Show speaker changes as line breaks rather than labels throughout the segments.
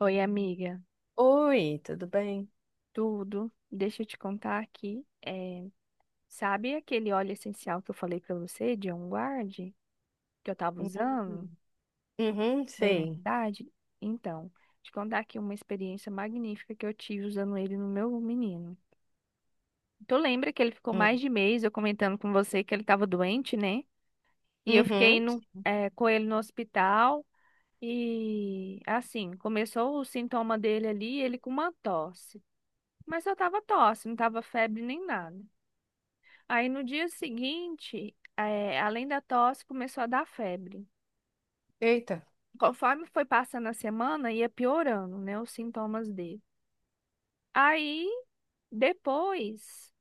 Oi, amiga.
Oi, tudo bem?
Tudo? Deixa eu te contar aqui. Sabe aquele óleo essencial que eu falei pra você, de On Guard, que eu tava
Uhum.
usando,
Uhum,
da
sei.
imunidade? Então, te contar aqui uma experiência magnífica que eu tive usando ele no meu menino. Tu lembra que ele ficou
Hum.
mais de mês eu comentando com você que ele tava doente, né? E eu fiquei
Uhum.
com ele no hospital e, assim, começou o sintoma dele ali, ele com uma tosse. Mas só tava tosse, não tava febre nem nada. Aí no dia seguinte, além da tosse, começou a dar febre.
Eita.
Conforme foi passando a semana, ia piorando, né, os sintomas dele. Aí depois,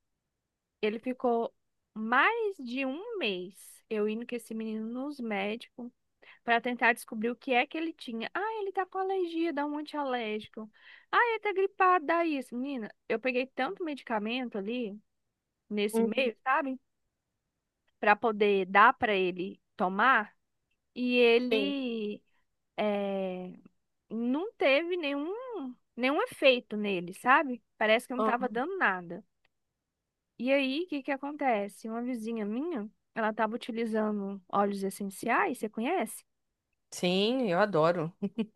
ele ficou mais de um mês eu indo com esse menino nos médicos para tentar descobrir o que é que ele tinha. Ah, ele tá com alergia, dá um antialérgico. Ah, ele tá gripado, dá isso. Menina, eu peguei tanto medicamento ali nesse
Uhum.
mês, sabe? Para poder dar para ele tomar e
Sim.
ele é, não teve nenhum efeito nele, sabe? Parece que não tava
Uhum.
dando nada. E aí, o que que acontece? Uma vizinha minha, ela tava utilizando óleos essenciais, você conhece?
Sim, eu adoro.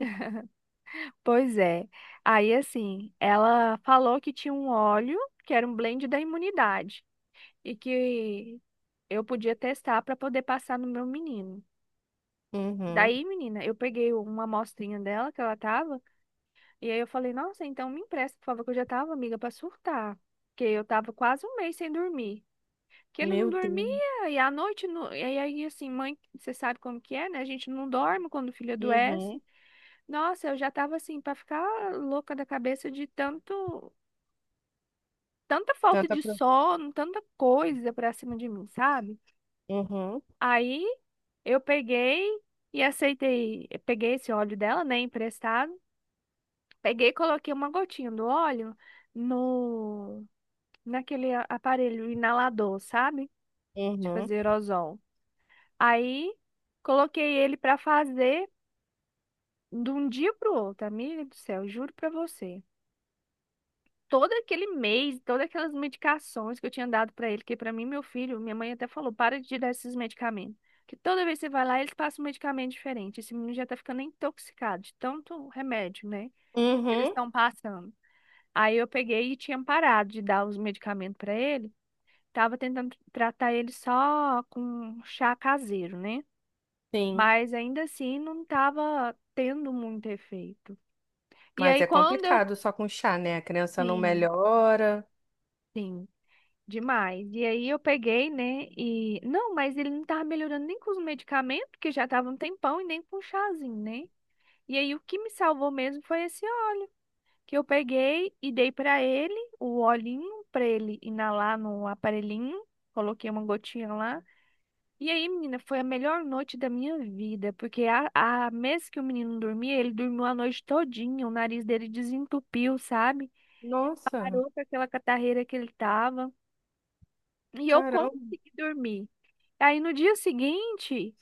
Pois é. Aí, assim, ela falou que tinha um óleo que era um blend da imunidade e que eu podia testar para poder passar no meu menino.
Uhum.
Daí, menina, eu peguei uma amostrinha dela que ela tava. E aí eu falei, nossa, então me empresta, por favor, que eu já tava, amiga, pra surtar. Porque eu tava quase um mês sem dormir. Que ele não
Meu Deus.
dormia, e à noite, não, e aí assim, mãe, você sabe como que é, né? A gente não dorme quando o filho adoece.
Uhum.
Nossa, eu já tava assim, pra ficar louca da cabeça de tanto, tanta falta
Tanta
de
pro...
sono, tanta coisa pra cima de mim, sabe?
Uhum.
Aí eu peguei e aceitei, eu peguei esse óleo dela, né, emprestado. Peguei e coloquei uma gotinha do óleo no naquele aparelho inalador, sabe? De
Uhum.
fazer aerosol. Aí coloquei ele para fazer de um dia pro outro, amiga do céu, juro pra você. Todo aquele mês, todas aquelas medicações que eu tinha dado pra ele, que pra mim, meu filho, minha mãe até falou, para de dar esses medicamentos. Que toda vez que você vai lá, eles passam um medicamento diferente. Esse menino já tá ficando intoxicado de tanto remédio, né? Que eles
Uhum.
estão passando. Aí eu peguei e tinha parado de dar os medicamentos pra ele. Tava tentando tratar ele só com chá caseiro, né?
Sim.
Mas ainda assim não tava tendo muito efeito. E
Mas
aí
é
quando eu.
complicado só com chá, né? A criança não
Sim,
melhora.
sim, demais. E aí eu peguei, né? E. Não, mas ele não tava melhorando nem com os medicamentos, que já tava um tempão, e nem com o chazinho, né? E aí o que me salvou mesmo foi esse óleo que eu peguei e dei pra ele, o olhinho, pra ele inalar no aparelhinho. Coloquei uma gotinha lá. E aí, menina, foi a melhor noite da minha vida, porque a mês que o menino dormia, ele dormiu a noite todinha, o nariz dele desentupiu, sabe?
Nossa,
Parou com aquela catarreira que ele tava. E eu
caramba.
consegui dormir. Aí no dia seguinte,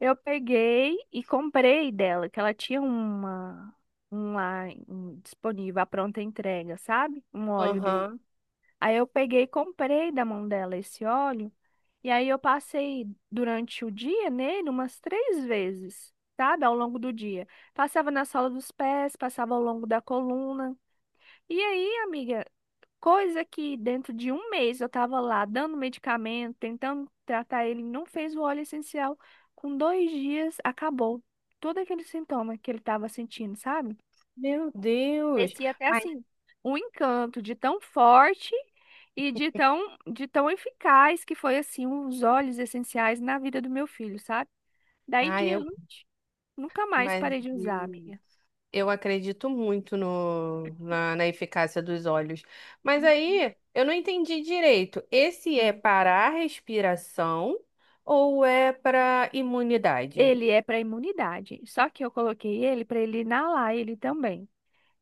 eu peguei e comprei dela, que ela tinha um lá disponível, a pronta entrega, sabe? Um óleo dele.
Aham.
Aí eu peguei e comprei da mão dela esse óleo. E aí eu passei durante o dia nele umas três vezes, sabe? Ao longo do dia. Passava na sola dos pés, passava ao longo da coluna. E aí, amiga, coisa que dentro de um mês eu tava lá dando medicamento, tentando tratar ele, não fez o óleo essencial. Com dois dias, acabou todo aquele sintoma que ele tava sentindo, sabe?
Meu Deus.
Parecia até
Mas,
assim, um encanto de tão forte e de tão eficaz que foi assim, os óleos essenciais na vida do meu filho, sabe? Daí em
ah, eu,
diante, nunca mais
mas
parei de usar,
eu
amiga.
eu acredito muito no, na, na eficácia dos olhos. Mas aí eu não entendi direito. Esse é
Hum.
para a respiração ou é para imunidade?
Ele é para imunidade, só que eu coloquei ele para ele inalar ele também,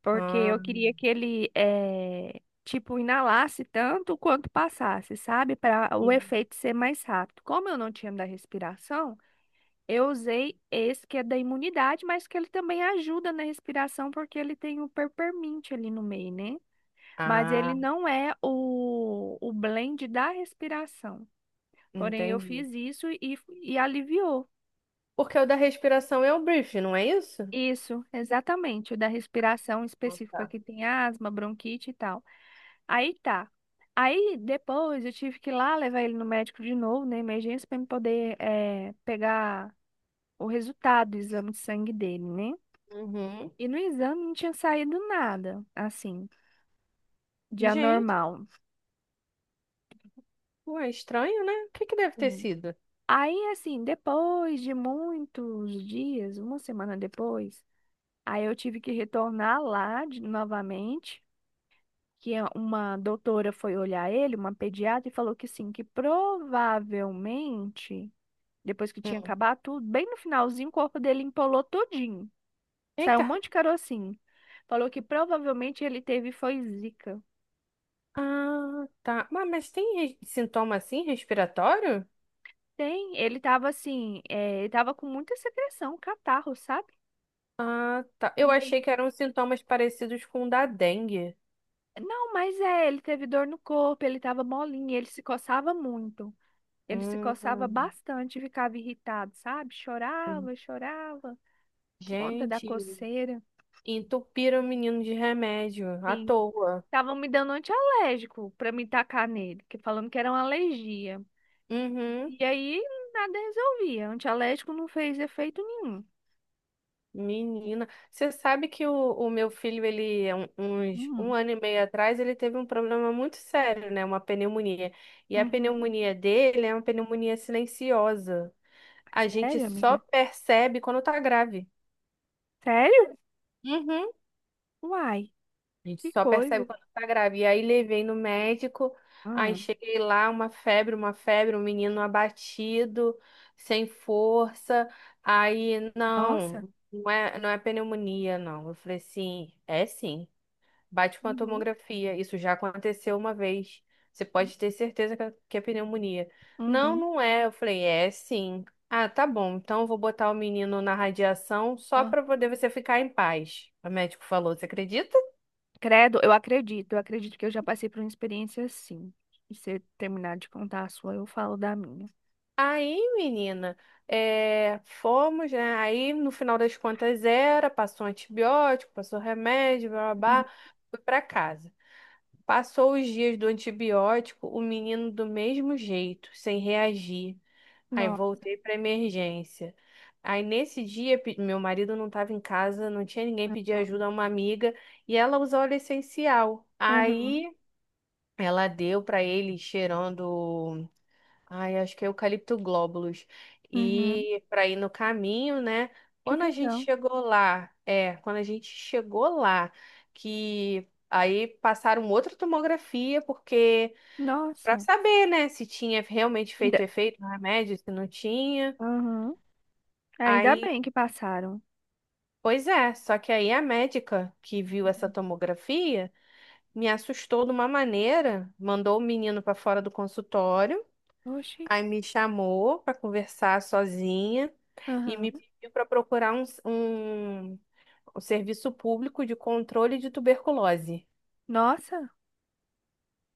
porque
Ah,
eu queria que ele tipo inalasse tanto quanto passasse, sabe? Para o
sim.
efeito ser mais rápido. Como eu não tinha da respiração, eu usei esse que é da imunidade, mas que ele também ajuda na respiração porque ele tem o peppermint ali no meio, né? Mas ele
Ah,
não é o blend da respiração. Porém, eu
entendi.
fiz isso e aliviou.
Porque o da respiração é o brief, não é isso?
Isso, exatamente, o da respiração específico para quem tem asma, bronquite e tal. Aí tá. Aí depois eu tive que ir lá levar ele no médico de novo, na emergência, para me poder pegar o resultado do exame de sangue dele, né?
Uhum.
E no exame não tinha saído nada, assim, de
Gente,
anormal.
ué, estranho, né? O que deve ter
Hum.
sido?
Aí, assim, depois de muitos dias, uma semana depois, aí eu tive que retornar lá novamente, que uma doutora foi olhar ele, uma pediatra, e falou que sim, que provavelmente, depois que tinha
Hum.
acabado tudo, bem no finalzinho, o corpo dele empolou todinho. Saiu um
Eita.
monte de carocinho. Falou que provavelmente ele teve foi zika.
Ah, tá. Mas tem sintoma assim respiratório?
Tem, ele tava assim, ele tava com muita secreção, catarro, sabe?
Ah, tá.
E
Eu
aí,
achei que eram sintomas parecidos com o da dengue.
não, mas ele teve dor no corpo, ele tava molinho, ele se coçava muito. Ele se coçava
Hum.
bastante, ficava irritado, sabe? Chorava, chorava por conta da
Gente,
coceira.
entupiram o menino de remédio à
Sim,
toa.
estavam me dando antialérgico pra me tacar nele, que falando que era uma alergia.
Uhum,
E aí nada resolvia, antialérgico não fez efeito nenhum.
menina. Você sabe que o meu filho, ele, uns um
Hum.
ano e meio atrás, ele teve um problema muito sério, né? Uma pneumonia. E a
Uhum.
pneumonia dele é uma pneumonia silenciosa. A gente
Sério,
só
amiga?
percebe quando tá grave.
Sério?
Uhum.
Uai,
A gente
que
só percebe
coisa.
quando tá grávida. E aí levei no médico, aí
Hum,
cheguei lá, uma febre, um menino abatido, sem força. Aí,
nossa.
não, não é pneumonia, não. Eu falei, sim, é sim. Bate com a
Uhum.
tomografia. Isso já aconteceu uma vez. Você pode ter certeza que é pneumonia. Não,
Uhum.
não é. Eu falei, é sim. Ah, tá bom. Então eu vou botar o menino na radiação só
Ah.
para poder você ficar em paz. O médico falou, você acredita?
Credo, eu acredito que eu já passei por uma experiência assim. E se você terminar de contar a sua, eu falo da minha.
Aí, menina, é, fomos, né? Aí, no final das contas, era, passou antibiótico, passou remédio, blá, blá,
Uhum.
blá, fui pra casa. Passou os dias do antibiótico, o menino do mesmo jeito, sem reagir. Aí
Nossa.
voltei pra emergência. Aí nesse dia, meu marido não estava em casa, não tinha ninguém pedir ajuda a uma amiga, e ela usou óleo essencial.
Uhum.
Aí ela deu pra ele cheirando. Ai, acho que é eucalipto glóbulos.
Uhum.
E para ir no caminho, né?
Que
Quando a gente
legal.
chegou lá, que aí passaram outra tomografia, porque para
Nossa.
saber, né, se tinha realmente
Ainda.
feito efeito no remédio, se não tinha.
Uhum. Ainda
Aí,
bem que passaram.
pois é, só que aí a médica que viu essa
Uhum.
tomografia me assustou de uma maneira, mandou o menino para fora do consultório.
Oxi.
Aí me chamou para conversar sozinha e
Uhum.
me pediu para procurar um serviço público de controle de tuberculose.
Nossa.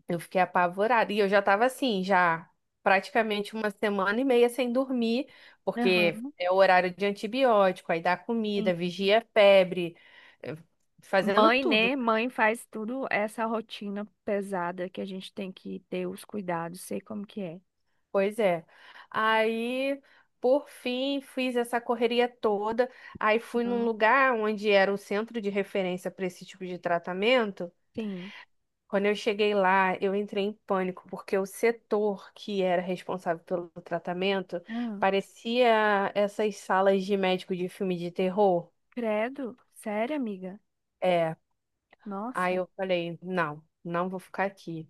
Eu fiquei apavorada e eu já estava assim, já praticamente uma semana e meia sem dormir, porque
Uhum.
é o horário de antibiótico, aí dá
Sim.
comida, vigia a febre, eh, fazendo
Mãe,
tudo.
né? Mãe faz tudo essa rotina pesada que a gente tem que ter os cuidados, sei como que é.
Pois é. Aí, por fim, fiz essa correria toda. Aí fui num
Uhum.
lugar onde era o centro de referência para esse tipo de tratamento.
Sim.
Quando eu cheguei lá, eu entrei em pânico, porque o setor que era responsável pelo tratamento
Ah,
parecia essas salas de médico de filme de terror.
credo. Sério, amiga?
É. Aí
Nossa.
eu falei, não, não vou ficar aqui.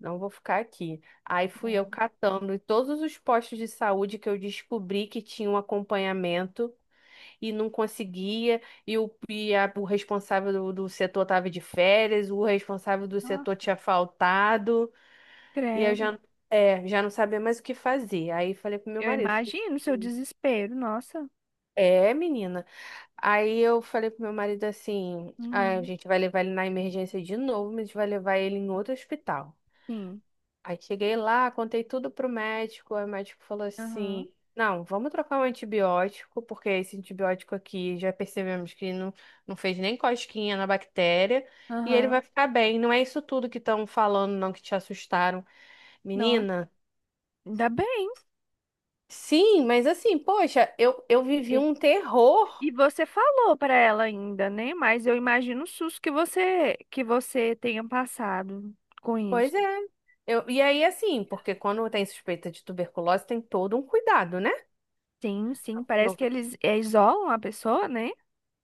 Não vou ficar aqui. Aí fui eu
Credo.
catando em todos os postos de saúde que eu descobri que tinha um acompanhamento e não conseguia, e o, o responsável do setor estava de férias, o responsável do setor
Nossa.
tinha faltado, e eu
Credo.
já, é, já não sabia mais o que fazer. Aí falei pro meu
Eu
marido, falei,
imagino o seu
assim,
desespero. Nossa.
é, menina. Aí eu falei pro meu marido assim, "Ah, a
Uhum.
gente vai levar ele na emergência de novo, mas a gente vai levar ele em outro hospital."
Sim.
Aí cheguei lá, contei tudo pro médico, aí o médico falou
Aham.
assim: "Não, vamos trocar um antibiótico, porque esse antibiótico aqui já percebemos que não, não fez nem cosquinha na bactéria, e ele
Aham.
vai ficar bem. Não é isso tudo que estão falando, não, que te assustaram."
Nossa.
Menina,
Ainda bem.
sim, mas assim, poxa, eu vivi
E,
um terror.
e você falou para ela ainda, né? Mas eu imagino o susto que você tenha passado com isso.
Pois é. Eu, e aí, assim, porque quando tem suspeita de tuberculose, tem todo um cuidado, né?
Sim, sim. Parece que eles isolam a pessoa, né?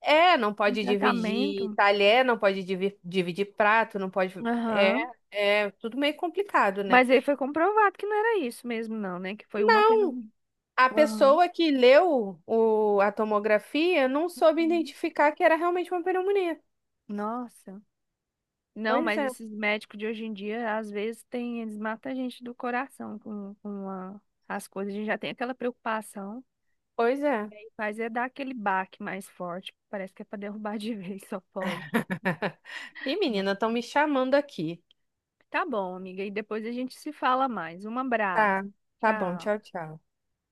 É, não
Em
pode dividir
tratamento.
talher, não pode dividir prato, não pode. É,
Aham.
é tudo meio complicado, né?
Mas aí foi comprovado que não era isso mesmo, não, né? Que foi uma apenas.
A
Aham.
pessoa que leu o, a tomografia não soube
Uhum.
identificar que era realmente uma pneumonia.
Nossa. Não,
Pois
mas
é,
esses médicos de hoje em dia, às vezes, tem, eles matam a gente do coração com as coisas. A gente já tem aquela preocupação,
pois é.
e aí faz é dar aquele baque mais forte. Parece que é para derrubar de vez, só pode.
E
Não.
menina, estão me chamando aqui.
Tá bom, amiga, e depois a gente se fala mais. Um abraço.
Tá, tá bom,
Tchau.
tchau, tchau.